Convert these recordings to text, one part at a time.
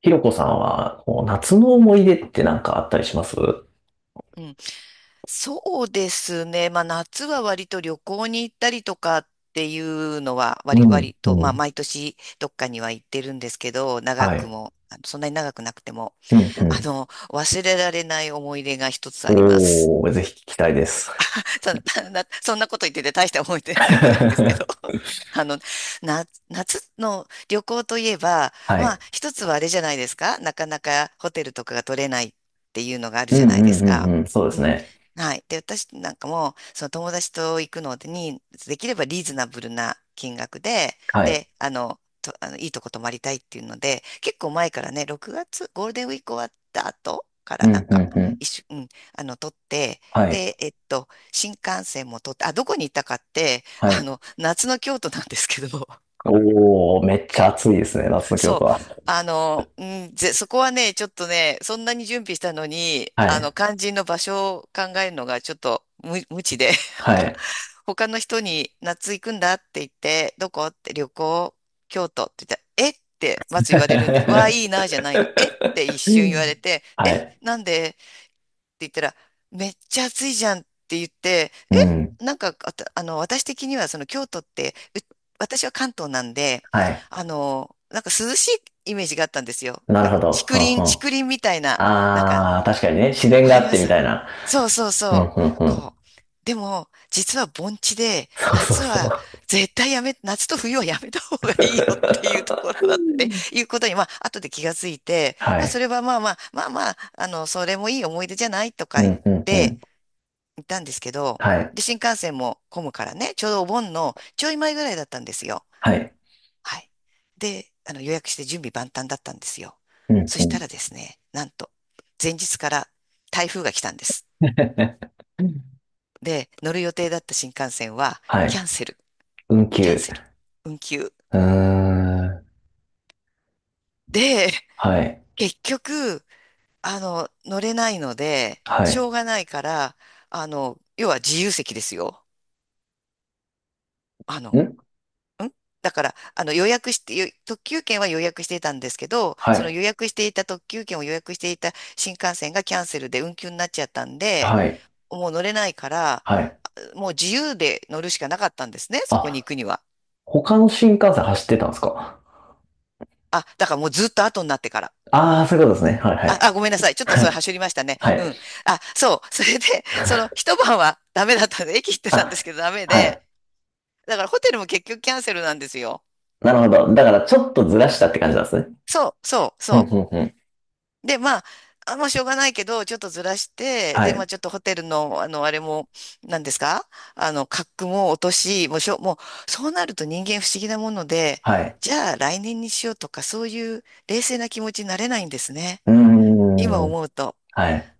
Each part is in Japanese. ひろこさんは、こう夏の思い出ってなんかあったりします？うん、そうですね。まあ、夏は割と旅行に行ったりとかっていうのはう割、ん、割うと、まあ、ん。毎年どっかには行ってるんですけど、長はくい。も、そんなに長くなくても、うん、忘れられない思い出が一つあうります。ん。おー、ぜひ聞きたいです。そんなこと言ってて大した思い出でもないんですけど あの、夏の旅行といえば、はまあ、い。一つはあれじゃないですか。なかなかホテルとかが取れないっていうのがあるうじゃん、うないでん、すうか。ん、うん。そうでうすん。ね。はい。で、私なんかも、その友達と行くのに、できればリーズナブルな金額で、はい。で、あの、と、あの、いいとこ泊まりたいっていうので、結構前からね、6月、ゴールデンウィーク終わった後からうなんん、うん、か、うん。うん、取って、はい。で、新幹線も通って、あ、どこに行ったかって、はい。夏の京都なんですけど、おー、めっちゃ暑いですね、夏の京そう、都は。あの、うんぜ、そこはね、ちょっとね、そんなに準備したのに、はい。肝心の場所を考えるのがちょっと無知で、なんはか、い。他の人に夏行くんだって言って、どこって京都って言ったら、えってまず言わ れるんです。わあ、いいな、じゃないの。えって一瞬言われて、はえ、い。なんで言ったら、めっちゃ暑いじゃんって言って、うん。え、なんか、あた、あの、私的にはその京都って、私は関東なんで、はい。なんか涼しいイメージがあったんですよ。ななるんかほど。竹は林、ん、うん。竹林みたいな、なんかあー、確かにね、自然わがかありっまてみす？たいな。そうそううん、そうう。ん、うん。こう。でも、実は盆地で、そうそうそう。夏と冬はやめた方がいいよっていうところだっていうことに、まあ、後で気がついて、はまあ、そい。れはまあまあ、それもいい思い出じゃないとうか言っん、うん、うて、ん。行ったんですけど、はい。で、新幹線も混むからね、ちょうどお盆のちょい前ぐらいだったんですよ。はい。はい。で、予約して準備万端だったんですよ。うん、そうしたん。らですね、なんと、前日から台風が来たんです。で、乗る予定だった新幹線は、はキャい。ンセル、運キャン休。セル、運休。うーん。で、はい。結局、乗れないので、はしい。ょうがないから、要は自由席ですよ。あんの、んだから、予約して、特急券は予約していたんですけど、はそのい。予約していた特急券を予約していた新幹線がキャンセルで運休になっちゃったんで、はい。もう乗れないから、はい。もう自由で乗るしかなかったんですね、そこにあ、行くには。他の新幹線走ってたんですか？あ、だからもうずっと後になってから。ああー、そういうことですね。はい、はあ、い。あ、ごめんなさい。ち ょっとはそれ、い。はりましたね。はうい。ん。あ、そう。それで、一晩はダメだったんで、駅行ってたんですあ、けど、ダメはで。い。だから、ホテルも結局キャンセルなんですよ。なるほど。だから、ちょっとずらしたって感じなんですね。そう、そう、うん、そうん、うん。う。で、まあ、あ、もうしょうがないけど、ちょっとずらして、はで、まあ、い。ちょっとホテルの、あれも、何ですか？格も落とし、もうしょ、もう、そうなると人間不思議なもので、はい。じゃあ、来年にしようとか、そういう冷静な気持ちになれないんですね。う今ーん。思うと。はい。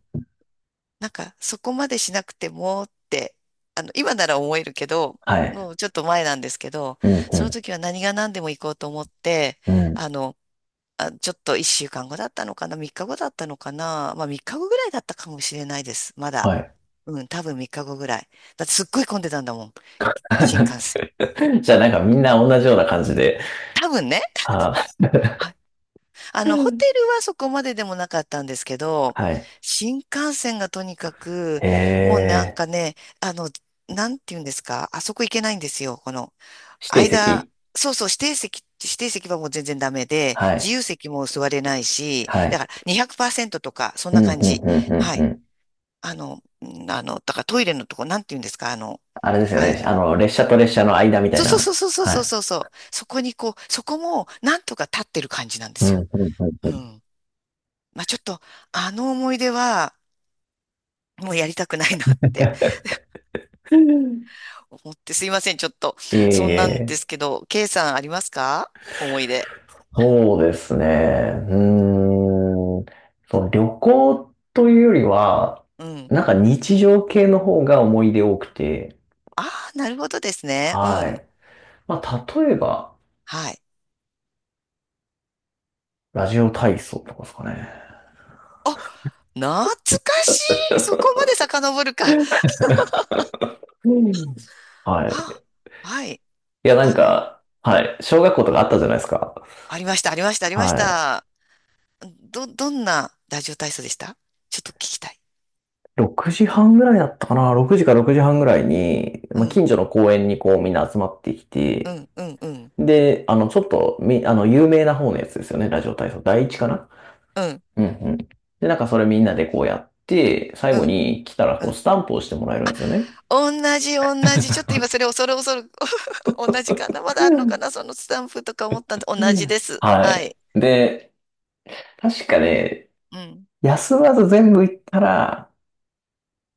なんか、そこまでしなくてもって、今なら思えるけど、はい。もうちょっと前なんですけど、うん、そのう時は何が何でも行こうと思って、ん、うん。あの、あ、ちょっと1週間後だったのかな、3日後だったのかな、まあ3日後ぐらいだったかもしれないです、まだ。はい。うん、多分3日後ぐらい。だってすっごい混んでたんだもん、新幹線。じゃあなんかみんな同じような感じで。多分ね。はあ、ホテル はそこまででもなかったんですけど、はい。新幹線がとにかく、えもうなんー、かね、あの、なんて言うんですか、あそこ行けないんですよ。この、指定間、席。そうそう、指定席はもう全然ダメで、は自い。由席も座れないし、はだい。から200%とか、そんうなん、うん、感うん、じ。うはん、うい。ん。だからトイレのとこ、なんて言うんですか、あの、あれですよあい、ね。あの、列車と列車の間みたそいうそうそな。うそうはそうい。そうそう、そこにこう、そこも、なんとか立ってる感じなんでうん、すうよ。ん、ううん、ん。まあ、ちょっと、あの思い出は、もうやりたくないなって うん。思って、すいません、ちょっと、そんなん でええ、すけど、K さん、ありますか？思い出。そうですね。うーん。そう、旅行というよりは、うん。なんか日常系の方が思い出多くて。ああ、なるほどですね。うはん。い。まあ、例えば、はい。ラジオ体操とかですかね。あ、懐かしい。そこまで遡るか。うん。はあ、い。はい。いや、なんあの、か、はい。小学校とかあったじゃないですか。ありました、ありました、ありましはた。どんなラジオ体操でした？ちょっと聞きたい。い。6時半ぐらいだったかな。6時か6時半ぐらいに、うまあ、ん、近所の公園にこうみんな集まってきうて、ん、うん、うん、で、ちょっと、み、あの、有名な方のやつですよね。ラジオ体操。第一かな？うん、うんうん。で、なんかそれみんなでこうやって、最う後ん。に来たらうこうん。スタンプをしてもらえるんですよね。同じ、同じ。ちょっと今それ恐る恐る 同じかな、まだあるうのかんな、そのスタンプとか思ったんで、同うじでん、す。ははい。い。で、確かね、うん。休まず全部行ったら、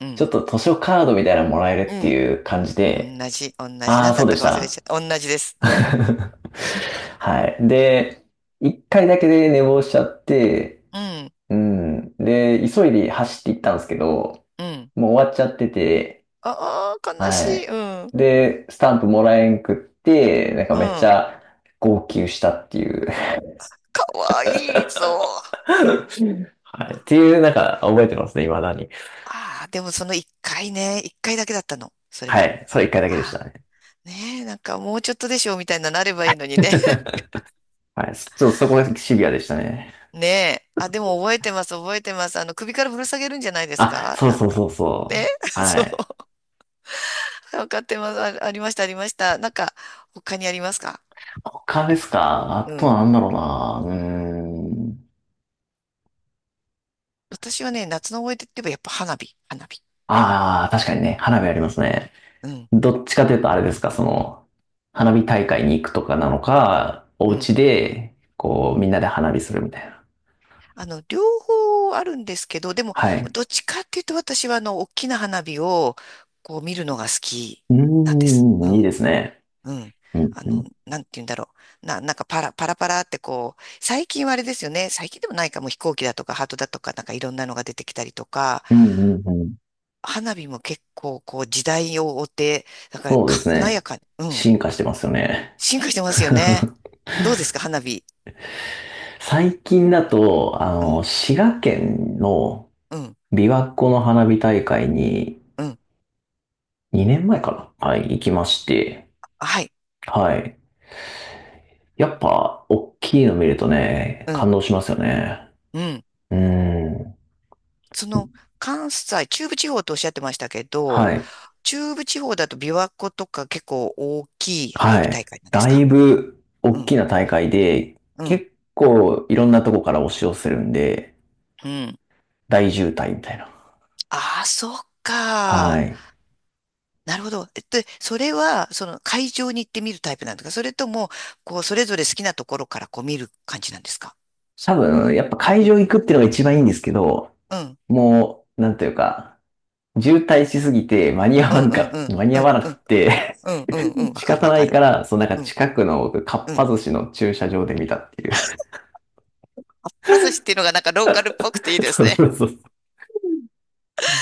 うちん。ょっと図書カードみたいなのもらえるうってん。いう感じ同で、じ、同じ。ああ、何だそうっでたしか忘れた。 ちゃった。同じです。うん。はい。で、一回だけで寝坊しちゃって、うん。うん。で、急いで走って行ったんですけど、うん。もう終わっちゃってて、ああ、悲しはい。い。うん。うん。で、スタンプもらえんくって、なんかめっちゃ号泣したっていう。 かわいいぞ。はい。っていう、なんか覚えてますね、未だに。ああ、でもその一回ね、一回だけだったの？それはは。い。それ一回だけでしたああ。ね。ねえ、なんかもうちょっとでしょみたいな、なればいいのにね。はい。ちょっとそこがシビアでしたね。ねえ。あ、でも覚えてます、覚えてます。首からぶら下げるんじゃないですあ、か？そうなんそうか。そうね そ う。はそう。い。わかってます。あ、ありました、ありました。なんか、他にありますか？他ですか？あうとん。なんだろうな。うーん。私はね、夏の思い出って言えばやっぱ花火、花火。ああ、確かにね、花火ありますね。うん。どっちかというとあれですか、その、花火大会に行くとかなのか、おうん。家で、こう、みんなで花火するみたいな。両方あるんですけど、でも、はい。どっちかっていうと私は大きな花火を、こう見るのが好きうなんです。うーん、いいでん。すね。うん。うん、うん、なんて言うんだろう。なんかパラパラってこう、最近はあれですよね。最近でもないかも飛行機だとかハートだとかなんかいろんなのが出てきたりとか、うん、うん。うん、花火も結構こう時代を追って、なんかそうです華やね。かに、うん。進化してますよね。進化してますよね。どうですか、花火。最近だと、うん、滋賀県のうん、琵琶湖の花火大会にうん。2年前かな、はい、行きまして。はい、はい。やっぱ、大きいの見るとね、う感ん、動しますよね。うん。うん。その、関西、中部地方とおっしゃってましたけど、はい。中部地方だと琵琶湖とか結構大きい花は火い。大会なんですだいか？ぶ、う大ん、きな大会で、うん、結構、いろんなとこから押し寄せるんで、うん。大渋滞みたいな。ああ、そっはか。い。なるほど。それは、その会場に行ってみるタイプなんですか？それとも、こう、それぞれ好きなところからこう見る感じなんですか？そ多の、分、やっぱ会うん、場行くっていうのが一番いいんですけど、うん、もう、なんというか、渋滞しすぎてうん、うん、うん、間にう合ん、わなうくん、てうん、うん、うん。わ仕かる、方わなかいかる。ら、そのなんかうん、近くのかっうぱん。寿司の駐車場で見たっていう。パスっていうのがなんかローカルっぽくていい ですそうね。そうそう。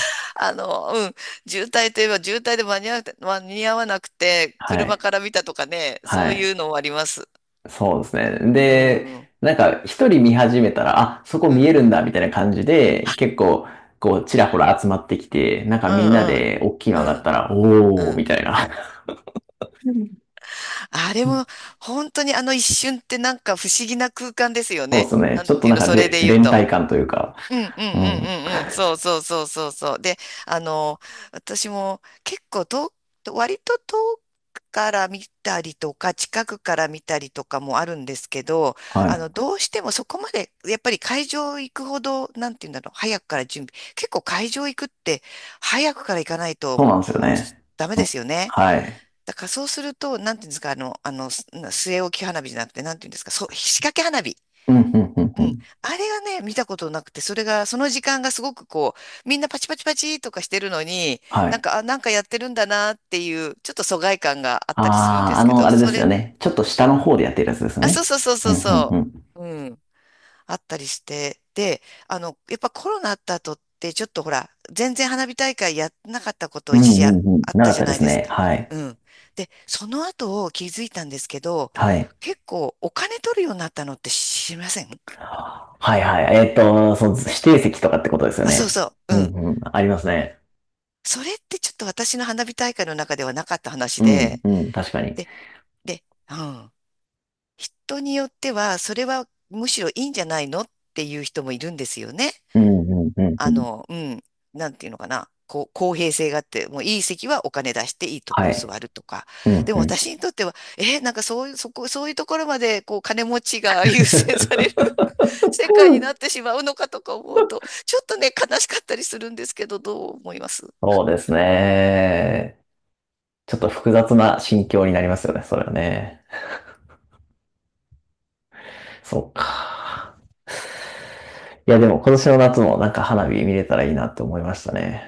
うん。渋滞といえば渋滞で間に合わなくて、間に合わなくて、は車い。から見たとかね、そはういうい。のもあります。そうですね。うで、ん、うん、なんか一人見始めたら、あ、そこう見えん、るんだ、みたいな感じで、結構、こう、ちらほら集まってきて、なんかうみんなん、で大きいうの上がっん、たら、おうー、ん。みたいな。うん、あれも、本当にあの一瞬ってなんか不思議な空間ですよそうでね。すね。なんちょってというなんの、かそれで言う連と。帯感というか。うんうんうんうん。うんうん。そうそうそうそうそう。で、あの、私も結構遠く、割と遠くから見たりとか、近くから見たりとかもあるんですけど、はい。どうしてもそこまで、やっぱり会場行くほど、なんていうんだろう、早くから準備。結構会場行くって、早くから行かないそうと、なんですよこう、ね。ダメうでん、すよね。はい。だからそうすると、なんていうんですか、据え置き花火じゃなくて、なんていうんですか、そう、仕掛け花火。うん、うん、うん、ううん。ん。あれがね、見たことなくて、その時間がすごくこう、みんなパチパチパチとかしてるのに、はなんい。か、あ、なんかやってるんだなっていう、ちょっと疎外感があったりするんでああ、すけあど、れですよね。ちょっと下の方でやってるやつですあ、そうね。そうそううそん、ううん、うそん。う。うん。あったりして、で、やっぱコロナあった後って、ちょっとほら、全然花火大会やんなかったこうとん、う一時あ、ん、うん。あっなたかっじゃたでないすですね。か。はい。うん。で、その後気づいたんですけど、はい。結構お金取るようになったのって知りません？はい、はい。そう、指定席とかってことですよあ、そうね。そう。ううん、ん。うん。ありますね。それってちょっと私の花火大会の中ではなかった話うん、で、うん。確かに。で、で、うん。人によっては、それはむしろいいんじゃないのっていう人もいるんですよね。うん、うん、うん、うん。うん、なんていうのかな、こう、公平性があって、もういい席はお金出していいとこはろ座い。るとか。うん、でもうん。私にとっては、なんかそういう、そこ、そういうところまで、こう、金持ちが優先される 世界になっ てしまうのかとか思うと、ちょっとね、悲しかったりするんですけど、どう思います？そうですね。ちょっと複雑な心境になりますよね、それはね。そうか。いや、でも今年の夏もなんか花火見れたらいいなって思いましたね。